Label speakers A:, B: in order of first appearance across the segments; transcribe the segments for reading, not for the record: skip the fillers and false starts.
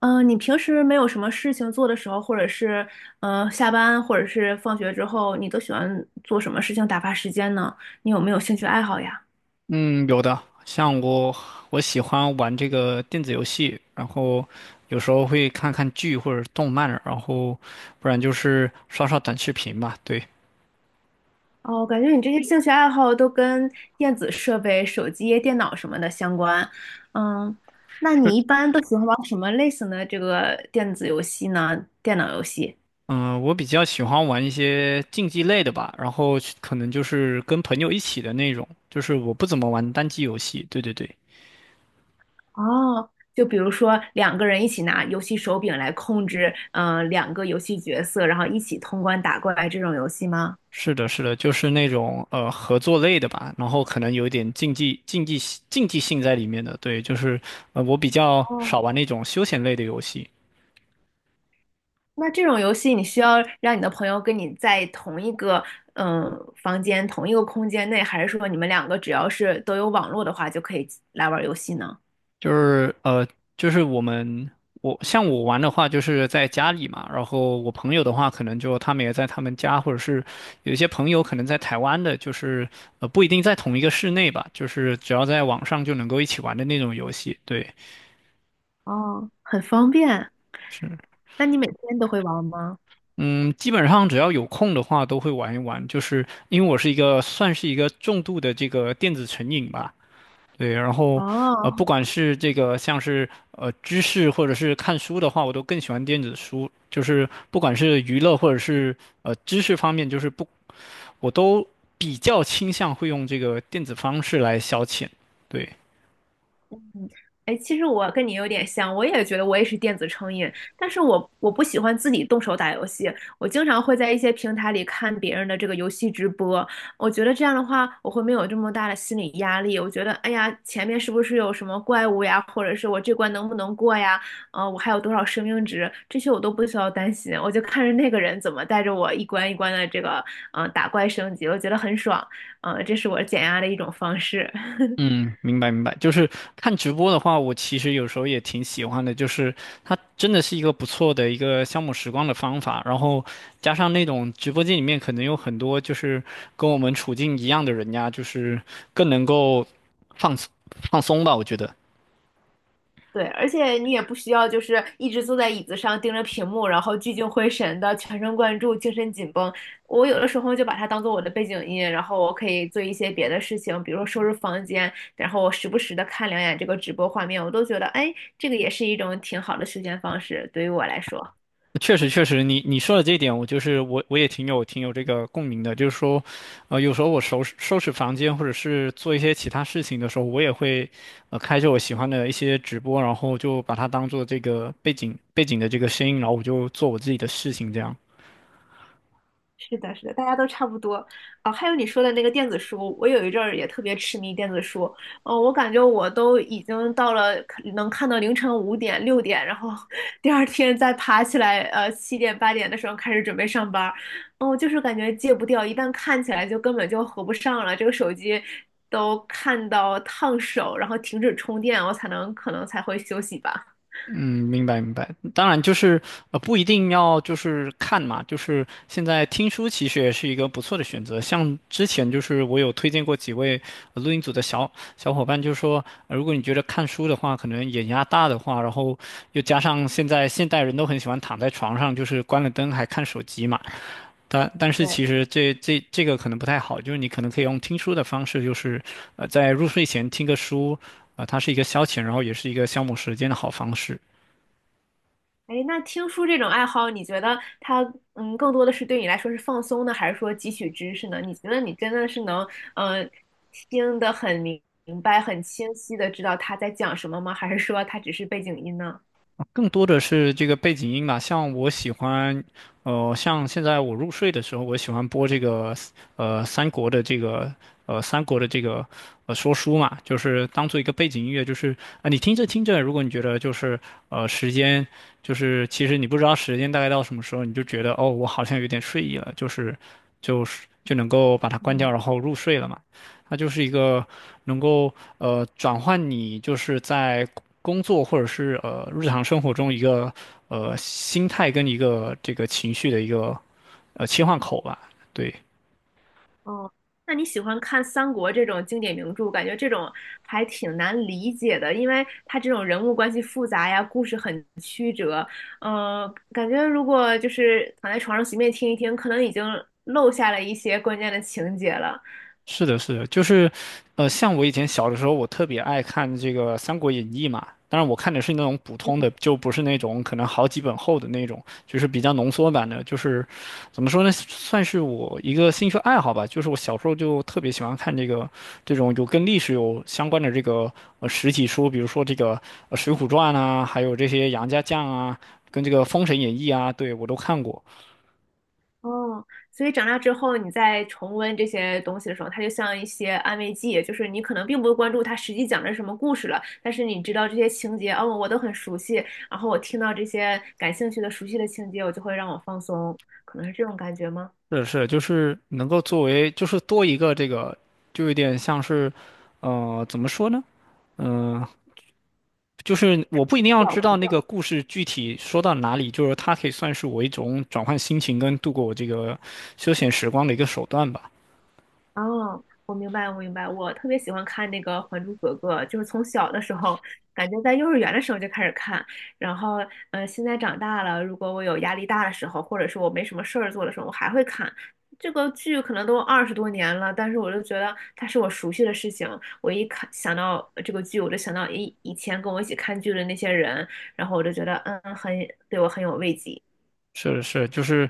A: 你平时没有什么事情做的时候，或者是下班，或者是放学之后，你都喜欢做什么事情打发时间呢？你有没有兴趣爱好呀？
B: 嗯，有的，我喜欢玩这个电子游戏，然后有时候会看看剧或者动漫，然后不然就是刷刷短视频吧。对，
A: 哦，感觉你这些兴趣爱好都跟电子设备、手机、电脑什么的相关。嗯，那你一般都喜欢玩什么类型的这个电子游戏呢？电脑游戏？
B: 嗯，我比较喜欢玩一些竞技类的吧，然后去可能就是跟朋友一起的那种，就是我不怎么玩单机游戏。对对对，
A: 哦，就比如说两个人一起拿游戏手柄来控制，两个游戏角色，然后一起通关打怪这种游戏吗？
B: 是的，是的，就是那种合作类的吧，然后可能有一点竞技性在里面的。对，就是我比较
A: 哦。
B: 少玩那种休闲类的游戏。
A: 那这种游戏，你需要让你的朋友跟你在同一个嗯房间、同一个空间内，还是说你们两个只要是都有网络的话，就可以来玩游戏呢？
B: 就是呃，就是我们我像我玩的话，就是在家里嘛，然后我朋友的话，可能就他们也在他们家，或者是有一些朋友可能在台湾的，就是不一定在同一个室内吧，就是只要在网上就能够一起玩的那种游戏，对，
A: 哦，很方便。
B: 是。
A: 那你每天都会玩吗？
B: 嗯，基本上只要有空的话都会玩一玩，就是因为我是一个算是一个重度的这个电子成瘾吧，对，然后不
A: 哦，
B: 管是这个像是知识或者是看书的话，我都更喜欢电子书。就是不管是娱乐或者是知识方面，就是不，我都比较倾向会用这个电子方式来消遣。对。
A: 嗯，哎，其实我跟你有点像，我也觉得我也是电子成瘾，但是我不喜欢自己动手打游戏，我经常会在一些平台里看别人的这个游戏直播，我觉得这样的话，我会没有这么大的心理压力，我觉得，哎呀，前面是不是有什么怪物呀，或者是我这关能不能过呀？我还有多少生命值，这些我都不需要担心，我就看着那个人怎么带着我一关一关的这个，打怪升级，我觉得很爽，这是我减压的一种方式。
B: 嗯，明白明白，就是看直播的话，我其实有时候也挺喜欢的，就是它真的是一个不错的一个消磨时光的方法，然后加上那种直播间里面可能有很多就是跟我们处境一样的人呀，就是更能够放松放松吧，我觉得。
A: 对，而且你也不需要就是一直坐在椅子上盯着屏幕，然后聚精会神的全神贯注、精神紧绷。我有的时候就把它当做我的背景音，然后我可以做一些别的事情，比如说收拾房间，然后我时不时的看两眼这个直播画面，我都觉得，哎，这个也是一种挺好的休闲方式，对于我来说。
B: 确实，确实，你说的这一点，我就是我也挺有这个共鸣的。就是说，有时候我收拾收拾房间，或者是做一些其他事情的时候，我也会，开着我喜欢的一些直播，然后就把它当做这个背景的这个声音，然后我就做我自己的事情这样。
A: 是的，是的，大家都差不多。哦，还有你说的那个电子书，我有一阵儿也特别痴迷电子书。哦，我感觉我都已经到了可能看到凌晨5点、6点，然后 第二天再爬起来，7点、8点的时候开始准备上班儿。哦，就是感觉戒不掉，一旦看起来就根本就合不上了。这个手机都看到烫手，然后停止充电，我才能可能才会休息吧。
B: 嗯，明白明白。当然，就是不一定要就是看嘛，就是现在听书其实也是一个不错的选择。像之前就是我有推荐过几位录音组的小伙伴，就是说、如果你觉得看书的话，可能眼压大的话，然后又加上现在现代人都很喜欢躺在床上，就是关了灯还看手机嘛。但是
A: 对。
B: 其实这个可能不太好，就是你可能可以用听书的方式，就是在入睡前听个书，它是一个消遣，然后也是一个消磨时间的好方式。
A: 哎，那听书这种爱好，你觉得它更多的是对你来说是放松呢，还是说汲取知识呢？你觉得你真的是能嗯、呃听得很明明白、很清晰的知道他在讲什么吗？还是说它只是背景音呢？
B: 更多的是这个背景音吧，像我喜欢，像现在我入睡的时候，我喜欢播这个，呃，三国的这个，三国的这个，说书嘛，就是当做一个背景音乐，就是啊、你听着听着，如果你觉得就是，时间，就是其实你不知道时间大概到什么时候，你就觉得哦，我好像有点睡意了，就是就能够把它关掉，
A: 嗯，
B: 然后入睡了嘛。它就是一个能够转换你就是在工作或者是日常生活中一个心态跟一个这个情绪的一个切换口吧。对，
A: 哦，那你喜欢看三国这种经典名著，感觉这种还挺难理解的，因为它这种人物关系复杂呀，故事很曲折，感觉如果就是躺在床上随便听一听，可能已经漏下了一些关键的情节了。
B: 是的，是的，就是，像我以前小的时候，我特别爱看这个《三国演义》嘛。当然，我看的是那种普通的，就不是那种可能好几本厚的那种，就是比较浓缩版的。就是怎么说呢，算是我一个兴趣爱好吧。就是我小时候就特别喜欢看这个这种有跟历史有相关的这个实体书，比如说这个《水浒传》啊，还有这些杨家将啊，跟这个《封神演义》啊，对我都看过。
A: 哦，所以长大之后，你在重温这些东西的时候，它就像一些安慰剂，就是你可能并不关注它实际讲的是什么故事了，但是你知道这些情节，哦，我都很熟悉，然后我听到这些感兴趣的、熟悉的情节，我就会让我放松，可能是这种感觉吗？
B: 是是，就是能够作为，就是多一个这个，就有点像是，怎么说呢？嗯、就是我不一定要知道那个故事具体说到哪里，就是它可以算是我一种转换心情跟度过我这个休闲时光的一个手段吧。
A: 哦，我明白，我明白。我特别喜欢看那个《还珠格格》，就是从小的时候，感觉在幼儿园的时候就开始看，然后，现在长大了，如果我有压力大的时候，或者是我没什么事儿做的时候，我还会看。这个剧可能都20多年了，但是我就觉得它是我熟悉的事情。我一看想到这个剧，我就想到以前跟我一起看剧的那些人，然后我就觉得，对我很有慰藉。
B: 是的是，就是，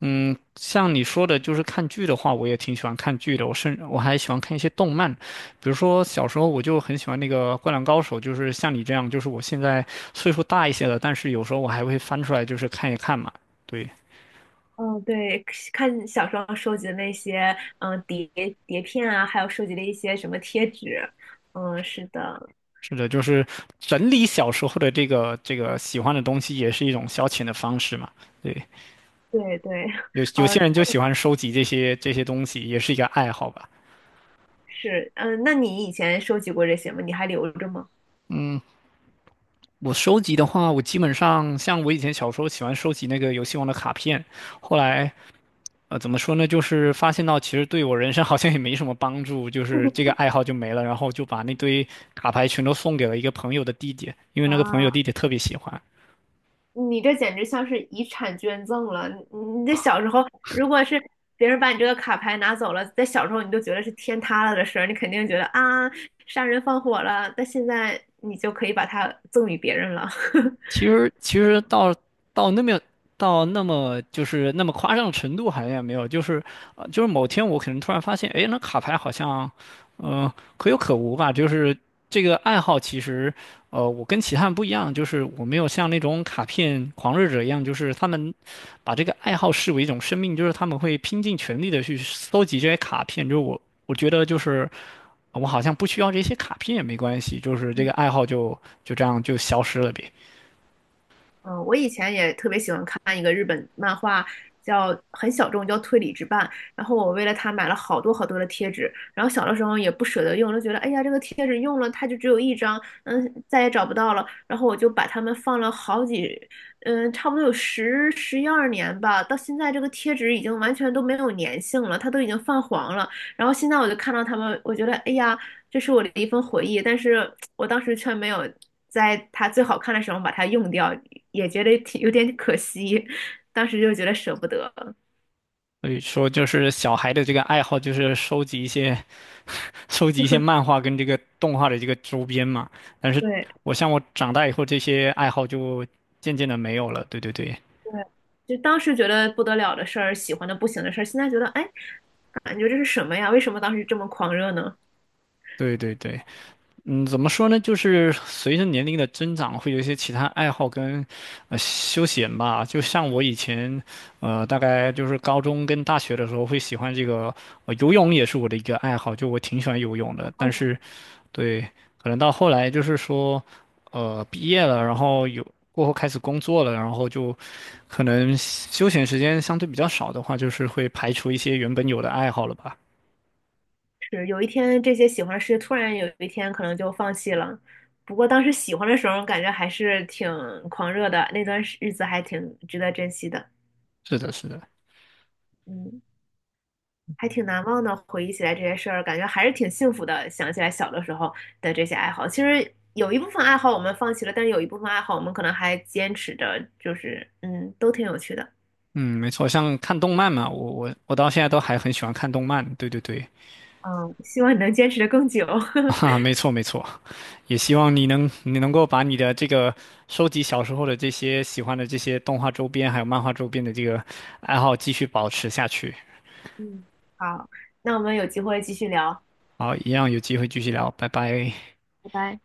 B: 像你说的，就是看剧的话，我也挺喜欢看剧的。我还喜欢看一些动漫，比如说小时候我就很喜欢那个《灌篮高手》，就是像你这样，就是我现在岁数大一些了，但是有时候我还会翻出来，就是看一看嘛。对，
A: 嗯，对，看小时候收集的那些，嗯，碟片啊，还有收集的一些什么贴纸，嗯，是的，
B: 是的，就是整理小时候的这个这个喜欢的东西，也是一种消遣的方式嘛。对，
A: 对对，
B: 有 有
A: 哦，
B: 些人就喜欢收集这些东西，也是一个爱好吧。
A: 是，嗯，那你以前收集过这些吗？你还留着吗？
B: 我收集的话，我基本上像我以前小时候喜欢收集那个游戏王的卡片，后来怎么说呢，就是发现到其实对我人生 好像也没什么帮助，就是这个 爱好就没了，然后就把那堆卡牌全都送给了一个朋友的弟弟，因为那个朋
A: 哇，
B: 友弟弟特别喜欢。
A: 你这简直像是遗产捐赠了！你这小时候，如果是别人把你这个卡牌拿走了，在小时候你都觉得是天塌了的事儿，你肯定觉得啊，杀人放火了。但现在你就可以把它赠与别人了。
B: 其实到那么到那么就是那么夸张的程度好像也没有，就是某天我可能突然发现，哎，那卡牌好像，嗯，可有可无吧。就是这个爱好其实，我跟其他人不一样，就是我没有像那种卡片狂热者一样，就是他们把这个爱好视为一种生命，就是他们会拼尽全力的去搜集这些卡片。就是我觉得就是我好像不需要这些卡片也没关系，就是这个爱好就这样就消失了呗。
A: 我以前也特别喜欢看一个日本漫画，叫很小众，叫《推理之绊》。然后我为了它买了好多好多的贴纸，然后小的时候也不舍得用，就觉得哎呀，这个贴纸用了它就只有一张，再也找不到了。然后我就把它们放了好几，差不多有十一二年吧。到现在这个贴纸已经完全都没有粘性了，它都已经泛黄了。然后现在我就看到它们，我觉得哎呀。这是我的一份回忆，但是我当时却没有在它最好看的时候把它用掉，也觉得挺有点可惜，当时就觉得舍不得。
B: 所以说，就是小孩的这个爱好，就是收集一些，收集一些漫画跟这个动画的这个周边嘛。但是
A: 对
B: 我像我长大以后，这些爱好就渐渐的没有了。对对对，
A: 对，就当时觉得不得了的事儿，喜欢的不行的事儿，现在觉得，哎，感觉这是什么呀？为什么当时这么狂热呢？
B: 对对对，嗯，怎么说呢？就是随着年龄的增长，会有一些其他爱好跟，休闲吧。就像我以前，大概就是高中跟大学的时候，会喜欢这个，游泳也是我的一个爱好，就我挺喜欢游泳的。但是对，可能到后来就是说，毕业了，然后过后开始工作了，然后就可能休闲时间相对比较少的话，就是会排除一些原本有的爱好了吧。
A: 是有一天这些喜欢的事突然有一天可能就放弃了。不过当时喜欢的时候，感觉还是挺狂热的，那段日子还挺值得珍惜的。
B: 是的，是的，
A: 嗯。还挺难忘的。回忆起来这些事儿，感觉还是挺幸福的。想起来小的时候的这些爱好，其实有一部分爱好我们放弃了，但是有一部分爱好我们可能还坚持着，就是都挺有趣的。
B: 嗯，没错，像看动漫嘛，我到现在都还很喜欢看动漫。对对对，
A: 嗯，希望你能坚持的更久。
B: 哈哈，没错没错，也希望你能够把你的这个收集小时候的这些喜欢的这些动画周边还有漫画周边的这个爱好继续保持下去。
A: 嗯，好，那我们有机会继续聊，
B: 好，一样有机会继续聊，拜拜。
A: 拜拜。